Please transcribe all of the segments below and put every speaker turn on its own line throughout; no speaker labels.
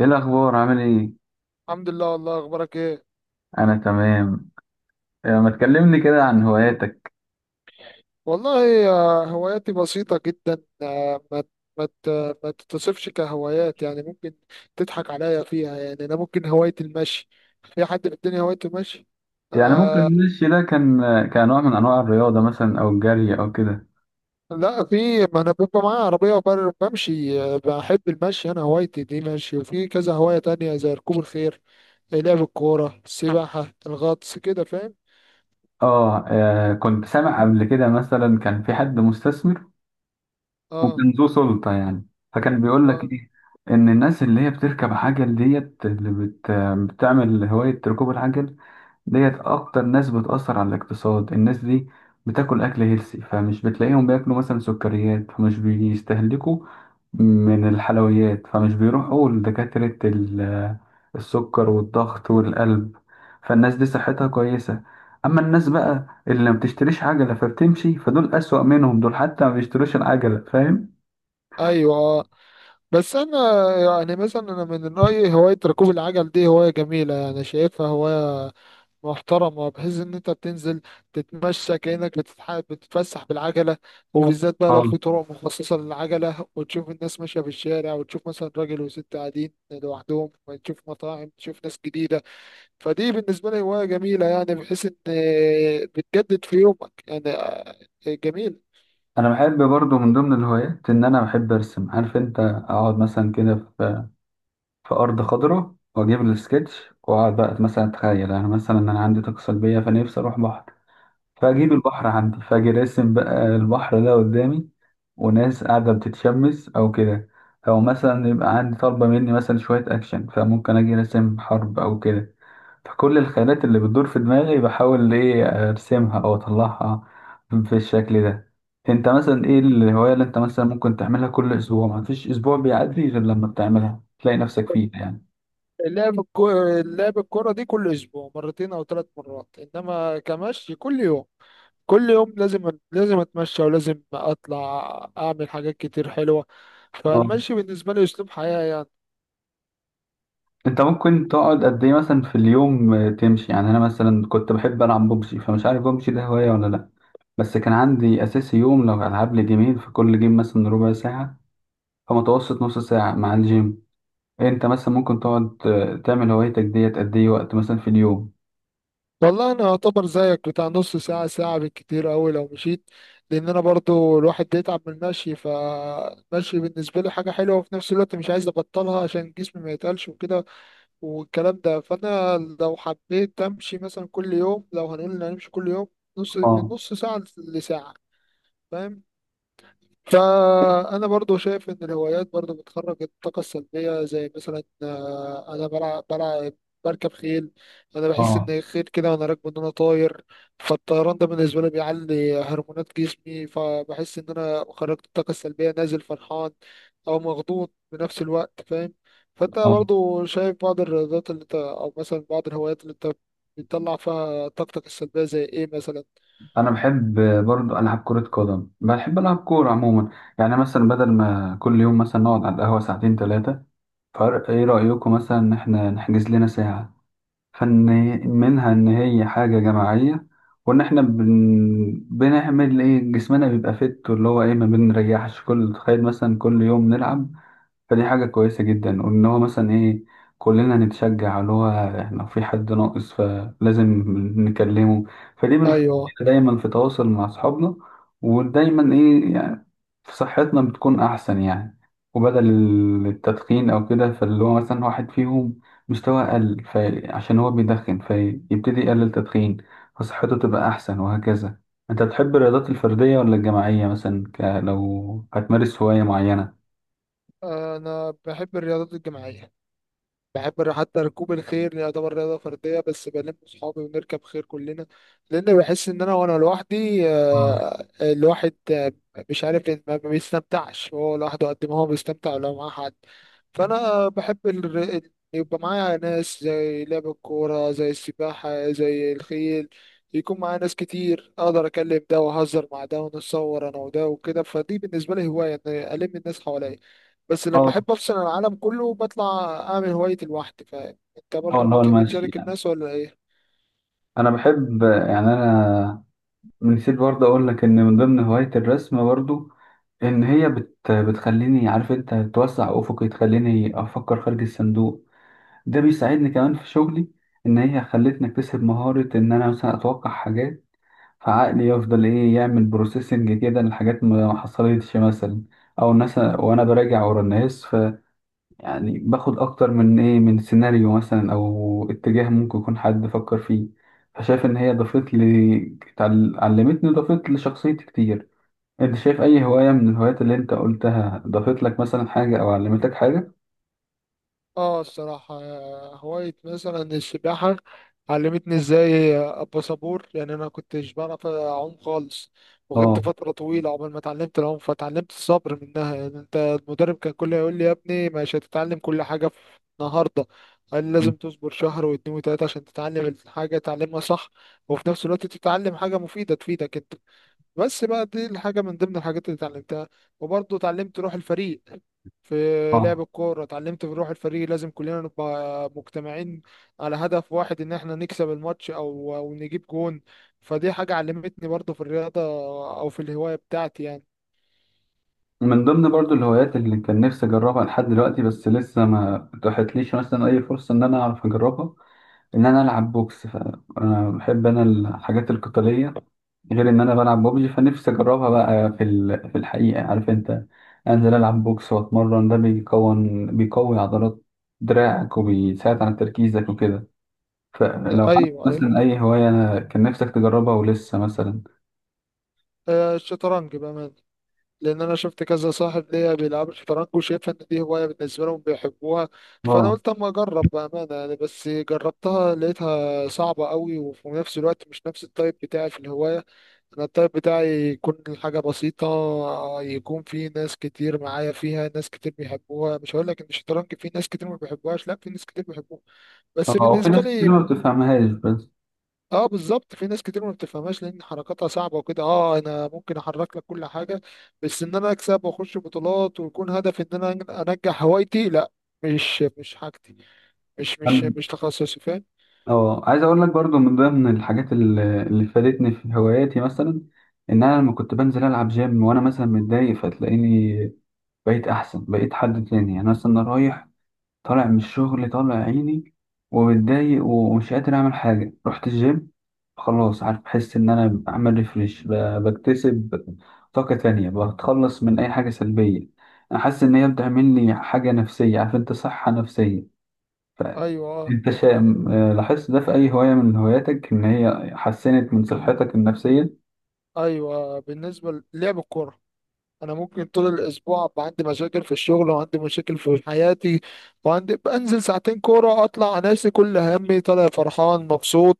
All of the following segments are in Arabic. ايه الاخبار؟ عامل ايه؟
الحمد لله. والله اخبارك ايه؟
انا تمام. ما تكلمني كده عن هواياتك؟
والله، هواياتي بسيطة جدا. ما تتصفش كهوايات، يعني ممكن تضحك عليا فيها. يعني انا ممكن هواية المشي. في حد في الدنيا هوايته المشي؟
يعني ممكن
آه.
المشي ده كان نوع من انواع الرياضه، مثلا او الجري او كده.
لا، في. ما انا بيبقى معايا عربية بمشي. بحب المشي. انا هوايتي دي مشي، وفي كذا هواية تانية زي ركوب الخيل، لعب الكورة، السباحة، الغطس، كده فاهم؟
اه. كنت سامع قبل كده مثلا كان في حد مستثمر
اه،
وكان ذو سلطه يعني، فكان بيقول لك
اه،
ايه؟ ان الناس اللي هي بتركب عجل ديت، اللي بتعمل هوايه ركوب العجل ديت، اكتر ناس بتأثر على الاقتصاد. الناس دي بتاكل اكل هيلسي، فمش بتلاقيهم بياكلوا مثلا سكريات، فمش بيستهلكوا من الحلويات، فمش بيروحوا لدكاترة السكر والضغط والقلب، فالناس دي صحتها كويسة. اما الناس بقى اللي ما بتشتريش عجلة فبتمشي، فدول اسوأ منهم، دول حتى ما بيشتروش العجلة، فاهم؟
ايوه، آه. بس انا يعني مثلا، انا من رايي هوايه ركوب العجل دي هوايه جميله، يعني شايفها هوايه محترمه، بحيث ان انت بتنزل تتمشى كانك بتتفسح بالعجله. وبالذات بقى لو
اه.
في طرق مخصصه للعجله، وتشوف الناس ماشيه في الشارع، وتشوف مثلا راجل وست قاعدين لوحدهم، تشوف مطاعم، تشوف ناس جديده. فدي بالنسبه لي هوايه جميله، يعني بحيث ان بتجدد في يومك يعني. جميل.
انا بحب برضو من ضمن الهوايات ان انا بحب ارسم. عارف انت، اقعد مثلا كده في أرض خضراء، وأجيب السكتش وأقعد بقى، مثلا أتخيل أنا، مثلا عندي طاقة سلبية فنفسي أروح بحر، فأجيب البحر عندي، فأجي راسم بقى البحر ده قدامي وناس قاعدة بتتشمس أو كده، أو مثلا يبقى عندي طالبة مني مثلا شوية أكشن، فممكن أجي راسم حرب أو كده. فكل الخيالات اللي بتدور في دماغي بحاول إيه أرسمها أو أطلعها في الشكل ده. أنت مثلا إيه الهواية اللي أنت مثلا ممكن تعملها كل أسبوع، مفيش أسبوع بيعدي غير لما بتعملها تلاقي نفسك فيه يعني؟
اللعب الكو... اللعب الكرة دي كل أسبوع مرتين أو 3 مرات، إنما كمشي كل يوم، كل يوم لازم لازم أتمشى، ولازم أطلع أعمل حاجات كتير حلوة.
اه.
فالمشي بالنسبة لي أسلوب حياة يعني.
انت ممكن تقعد قد ايه مثلا في اليوم، تمشي يعني؟ انا مثلا كنت بحب العب ببجي، فمش عارف ببجي ده هوايه ولا لا، بس كان عندي اساسي يوم لو العب لي جيمين، في كل جيم مثلا ربع ساعه، فمتوسط نص ساعه مع الجيم. انت مثلا ممكن تقعد تعمل هوايتك ديت قد ايه وقت مثلا في اليوم؟
والله أنا أعتبر زيك بتاع نص ساعة، ساعة بالكتير أوي لو مشيت. لأن أنا برضو الواحد بيتعب من المشي. فالمشي بالنسبة لي حاجة حلوة، وفي نفس الوقت مش عايز أبطلها عشان جسمي ما يتقلش وكده والكلام ده. فانا لو حبيت امشي مثلا كل يوم، لو هنقول ان هنمشي كل يوم، نص من
اه،
نص ساعة لساعة. فاهم؟ فأنا برضو شايف إن الهوايات برضو بتخرج الطاقة السلبية، زي مثلا، أنا بلعب بركب خيل. أنا بحس
اه،
إن الخيل كده وأنا راكبه إن أنا طاير. فالطيران ده بالنسبة لي بيعلي هرمونات جسمي، فبحس إن أنا خرجت الطاقة السلبية، نازل فرحان أو مغضوض بنفس الوقت. فاهم؟ فأنت
اه،
برضو شايف بعض الرياضات اللي أنت، أو مثلا بعض الهوايات اللي أنت بتطلع فيها طاقتك السلبية، زي إيه مثلا؟
انا بحب برضو العب كره قدم، بحب العب كوره عموما. يعني مثلا بدل ما كل يوم مثلا نقعد على القهوه ساعتين ثلاثه، فرق ايه رايكم مثلا ان احنا نحجز لنا ساعه؟ فإن منها إن هي حاجة جماعية، وإن إحنا بنعمل إيه، جسمنا بيبقى فت، اللي هو إيه، ما بنريحش. كل تخيل مثلا كل يوم نلعب، فدي حاجة كويسة جدا. وإن هو مثلا إيه، كلنا نتشجع، اللي هو إحنا لو في حد ناقص فلازم نكلمه، فدي بنخلينا
أيوه،
دايما في تواصل مع أصحابنا، ودايما إيه يعني صحتنا بتكون أحسن يعني. وبدل التدخين أو كده، فاللي هو مثلا واحد فيهم مستوى أقل فعشان هو بيدخن، فيبتدي يقلل تدخين فصحته تبقى أحسن، وهكذا. أنت تحب الرياضات الفردية ولا الجماعية، مثلا لو هتمارس هواية معينة؟
أنا بحب الرياضات الجماعية. حتى ركوب الخيل يعني يعتبر رياضة فردية، بس بلم صحابي ونركب خيل كلنا. لأن بحس إن أنا، وأنا لوحدي،
اه،
الواحد، مش عارف ما بيستمتعش هو لوحده قد ما هو بيستمتع لو معاه حد. فأنا بحب يبقى معايا ناس، زي لعب الكورة، زي السباحة، زي الخيل، يكون معايا ناس كتير، أقدر أكلم ده وأهزر مع ده ونتصور أنا وده وكده. فدي بالنسبة لي هواية إن ألم الناس حواليا. بس لما
اه،
احب افصل عن العالم كله، بطلع اعمل هوايتي لوحدي. فاهم؟ انت
اه،
برضو
اللي هو
بتحب
المشي
تشارك
يعني.
الناس ولا ايه؟
أنا بحب يعني، أنا نسيت برضه أقول لك إن من ضمن هواية الرسم برضه، إن هي بتخليني، عارف أنت، توسع أفقي، تخليني أفكر خارج الصندوق، ده بيساعدني كمان في شغلي. ان هي خلتني اكتسب مهارة ان انا مثلا اتوقع حاجات، فعقلي يفضل ايه يعمل بروسيسنج كده لحاجات ما حصلتش مثلا، او مثلا وانا براجع ورا الناس، ف يعني باخد اكتر من ايه، من سيناريو مثلا او اتجاه ممكن يكون حد فكر فيه. فشايف ان هي ضافت لي، علمتني، ضافت لشخصيتي كتير. انت شايف اي هواية من الهوايات اللي انت قلتها ضافت لك مثلا حاجة او علمتك حاجة؟
اه، الصراحة، هواية مثلا السباحة علمتني ازاي ابقى صبور. يعني انا كنتش بعرف اعوم خالص، وغبت
اه،
فترة طويلة عقبال ما اتعلمت العوم. فتعلمت الصبر منها. يعني انت، المدرب كان كله يقول لي يا ابني، مش هتتعلم كل حاجة في النهاردة. قال لي لازم تصبر شهر واتنين وتلاتة عشان تتعلم الحاجة تعلمها صح، وفي نفس الوقت تتعلم حاجة مفيدة تفيدك انت. بس بقى دي الحاجة من ضمن الحاجات اللي اتعلمتها. وبرضه اتعلمت روح الفريق. في لعب
اه،
الكورة اتعلمت في روح الفريق، لازم كلنا نبقى مجتمعين على هدف واحد، ان احنا نكسب الماتش او نجيب جون. فدي حاجة علمتني برضه في الرياضة، او في الهواية بتاعتي يعني.
من ضمن برضو الهوايات اللي كان نفسي أجربها لحد دلوقتي، بس لسه ما اتاحتليش مثلا أي فرصة إن أنا أعرف أجربها، إن أنا ألعب بوكس، فأنا بحب أنا الحاجات القتالية، غير إن أنا بلعب ببجي فنفسي أجربها بقى في في الحقيقة، عارف أنت، أنزل ألعب بوكس وأتمرن، ده بيكون بيقوي عضلات دراعك وبيساعد على تركيزك وكده. فلو عندك
ايوه، ايوه.
مثلا أي هواية أنا كان نفسك تجربها ولسه مثلا؟
الشطرنج بقى، لان انا شفت كذا صاحب ليا بيلعبوا شطرنج، وشايفها ان دي هوايه بالنسبه لهم بيحبوها. فانا
آه،
قلت اما اجرب بامانه يعني. بس جربتها لقيتها صعبه قوي، وفي نفس الوقت مش نفس التايب بتاعي في الهوايه. انا التايب بتاعي يكون الحاجه بسيطه، يكون في ناس كتير معايا فيها، ناس كتير بيحبوها. مش هقول لك ان الشطرنج في ناس كتير ما بيحبوهاش، لا، في ناس كتير بيحبوها، بس
آه، وفي
بالنسبه
ناس كتير ما
لي.
بتفهمهاش، بس.
اه، بالظبط، في ناس كتير ما بتفهمهاش لان حركاتها صعبه وكده. اه، انا ممكن احرك لك كل حاجه، بس ان انا اكسب واخش بطولات ويكون هدفي ان انا انجح هوايتي، لا. مش حاجتي. مش تخصصي. فاهم؟
اه، عايز اقول لك برضو من ضمن الحاجات اللي فادتني في هواياتي مثلا، ان انا لما كنت بنزل العب جيم وانا مثلا متضايق، فتلاقيني بقيت احسن، بقيت حد تاني يعني. مثلا أنا رايح طالع من الشغل، طالع عيني ومتضايق ومش قادر اعمل حاجه، رحت الجيم خلاص، عارف، بحس ان انا بعمل ريفريش، بكتسب طاقه تانية، بتخلص من اي حاجه سلبيه. انا حاسس ان هي بتعمل لي حاجه نفسيه، عارف انت، صحه نفسيه.
ايوه،
انت لاحظت ده في اي هواية من هواياتك، ان هي حسنت من صحتك النفسية؟
ايوه. بالنسبه للعب الكوره، انا ممكن طول الاسبوع ابقى عندي مشاكل في الشغل وعندي مشاكل في حياتي، وعندي بنزل ساعتين كوره، اطلع ناسي كل همي، طالع فرحان مبسوط،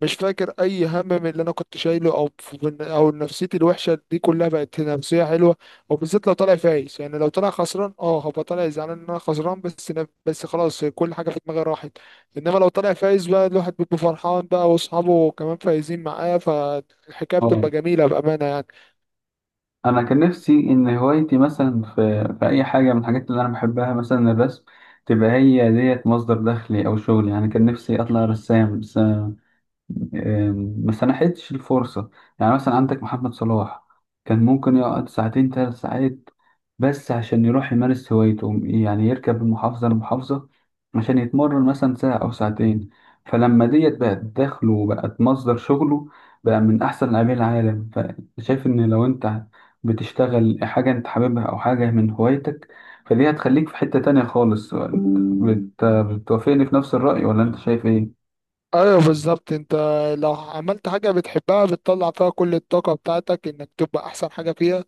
مش فاكر اي هم من اللي انا كنت شايله، او نفسيتي الوحشه دي كلها بقت نفسيه حلوه. وبالذات لو طالع فايز، يعني لو طالع خسران هبقى طالع زعلان ان انا خسران بس بس خلاص، كل حاجه في دماغي راحت. انما لو طالع فايز بقى، الواحد بيبقى فرحان بقى واصحابه كمان فايزين معاه، فالحكايه
اه.
بتبقى جميله بامانه يعني.
انا كان نفسي ان هوايتي مثلا في اي حاجة من الحاجات اللي انا بحبها، مثلا الرسم، تبقى هي ديت مصدر دخلي او شغلي يعني. كان نفسي اطلع رسام، بس ما سنحتش الفرصة. يعني مثلا عندك محمد صلاح، كان ممكن يقعد ساعتين ثلاث ساعات بس عشان يروح يمارس هوايته، يعني يركب من محافظة لمحافظة عشان يتمرن مثلا ساعة أو ساعتين، فلما ديت بقت دخله وبقت مصدر شغله، بقى من أحسن لاعبين العالم. فشايف إن لو أنت بتشتغل حاجة أنت حاببها أو حاجة من هوايتك، فدي هتخليك في حتة تانية خالص. بتوافقني في نفس الرأي ولا أنت شايف إيه؟
ايوه بالظبط. انت لو عملت حاجة بتحبها بتطلع فيها كل الطاقة بتاعتك، انك تبقى احسن حاجة فيها،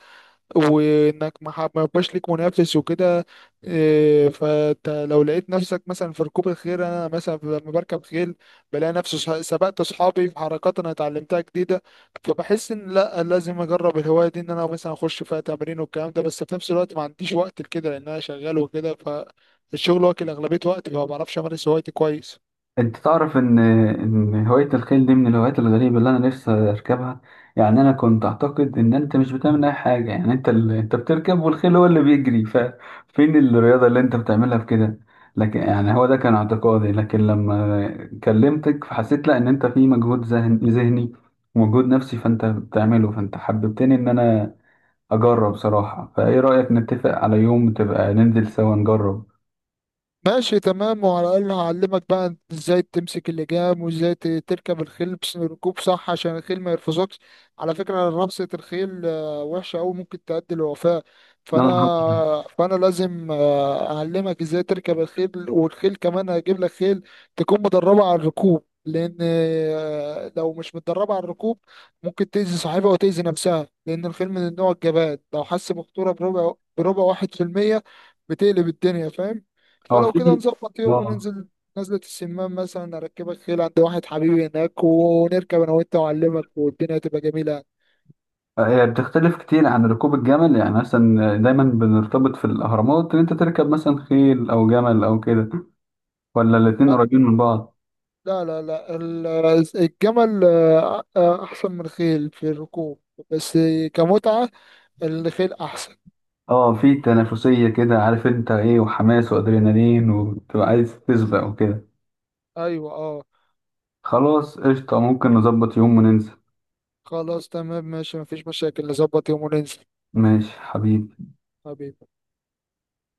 وانك ما يبقاش ليك منافس وكده. فانت لو لقيت نفسك مثلا في ركوب الخيل، انا مثلا لما بركب خيل بلاقي نفسي سبقت اصحابي في حركات انا اتعلمتها جديدة. فبحس ان لا، لازم اجرب الهواية دي، ان انا مثلا اخش فيها تمرين والكلام ده. بس في نفس الوقت ما عنديش وقت لكده لان انا شغال وكده، فالشغل واكل اغلبية وقتي فما بعرفش امارس هوايتي كويس.
انت تعرف ان هوايه الخيل دي من الهوايات الغريبه اللي انا نفسي اركبها؟ يعني انا كنت اعتقد ان انت مش بتعمل اي حاجه، يعني انت انت بتركب والخيل هو اللي بيجري، ففين الرياضه اللي انت بتعملها في كده؟ لكن يعني هو ده كان اعتقادي، لكن لما كلمتك فحسيت لا، ان انت في مجهود ذهني ومجهود نفسي فانت بتعمله، فانت حببتني ان انا اجرب صراحه. فايه رايك نتفق على يوم تبقى ننزل سوا نجرب؟
ماشي، تمام، وعلى الأقل هعلمك بقى انت ازاي تمسك اللجام وازاي تركب الخيل، بس ركوب صح عشان الخيل ما يرفزكش. على فكرة، رفسة الخيل وحشة أوي، ممكن تؤدي للوفاة.
يلا
فأنا
نروح.
فأنا لازم أعلمك ازاي تركب الخيل. والخيل كمان هجيب لك خيل تكون مدربة على الركوب، لأن لو مش متدربة على الركوب ممكن تأذي صاحبها وتأذي نفسها. لأن الخيل من النوع الجبان، لو حس بخطورة بربع 1% بتقلب الدنيا. فاهم؟
اه،
فلو كده
في.
نظبط يوم
اه،
وننزل نزلة السمان مثلا، أركبك خيل عند واحد حبيبي هناك، ونركب أنا وأنت وأعلمك والدنيا تبقى جميلة.
هي بتختلف كتير عن ركوب الجمل؟ يعني مثلا دايما بنرتبط في الأهرامات إن أنت تركب مثلا خيل أو جمل أو كده، ولا الاتنين
أ-
قريبين من بعض؟
لا لا لا، الجمل، أحسن من الخيل في الركوب. بس كمتعة الخيل أحسن.
اه، في تنافسية كده، عارف انت ايه، وحماس وأدرينالين وتبقى عايز تسبق وكده.
أيوة، أه.
خلاص، قشطة، ممكن نظبط يوم وننزل.
خلاص، تمام، ماشي، مفيش مشاكل، نظبط يوم وننزل.
ماشي حبيبي.
حبيبي.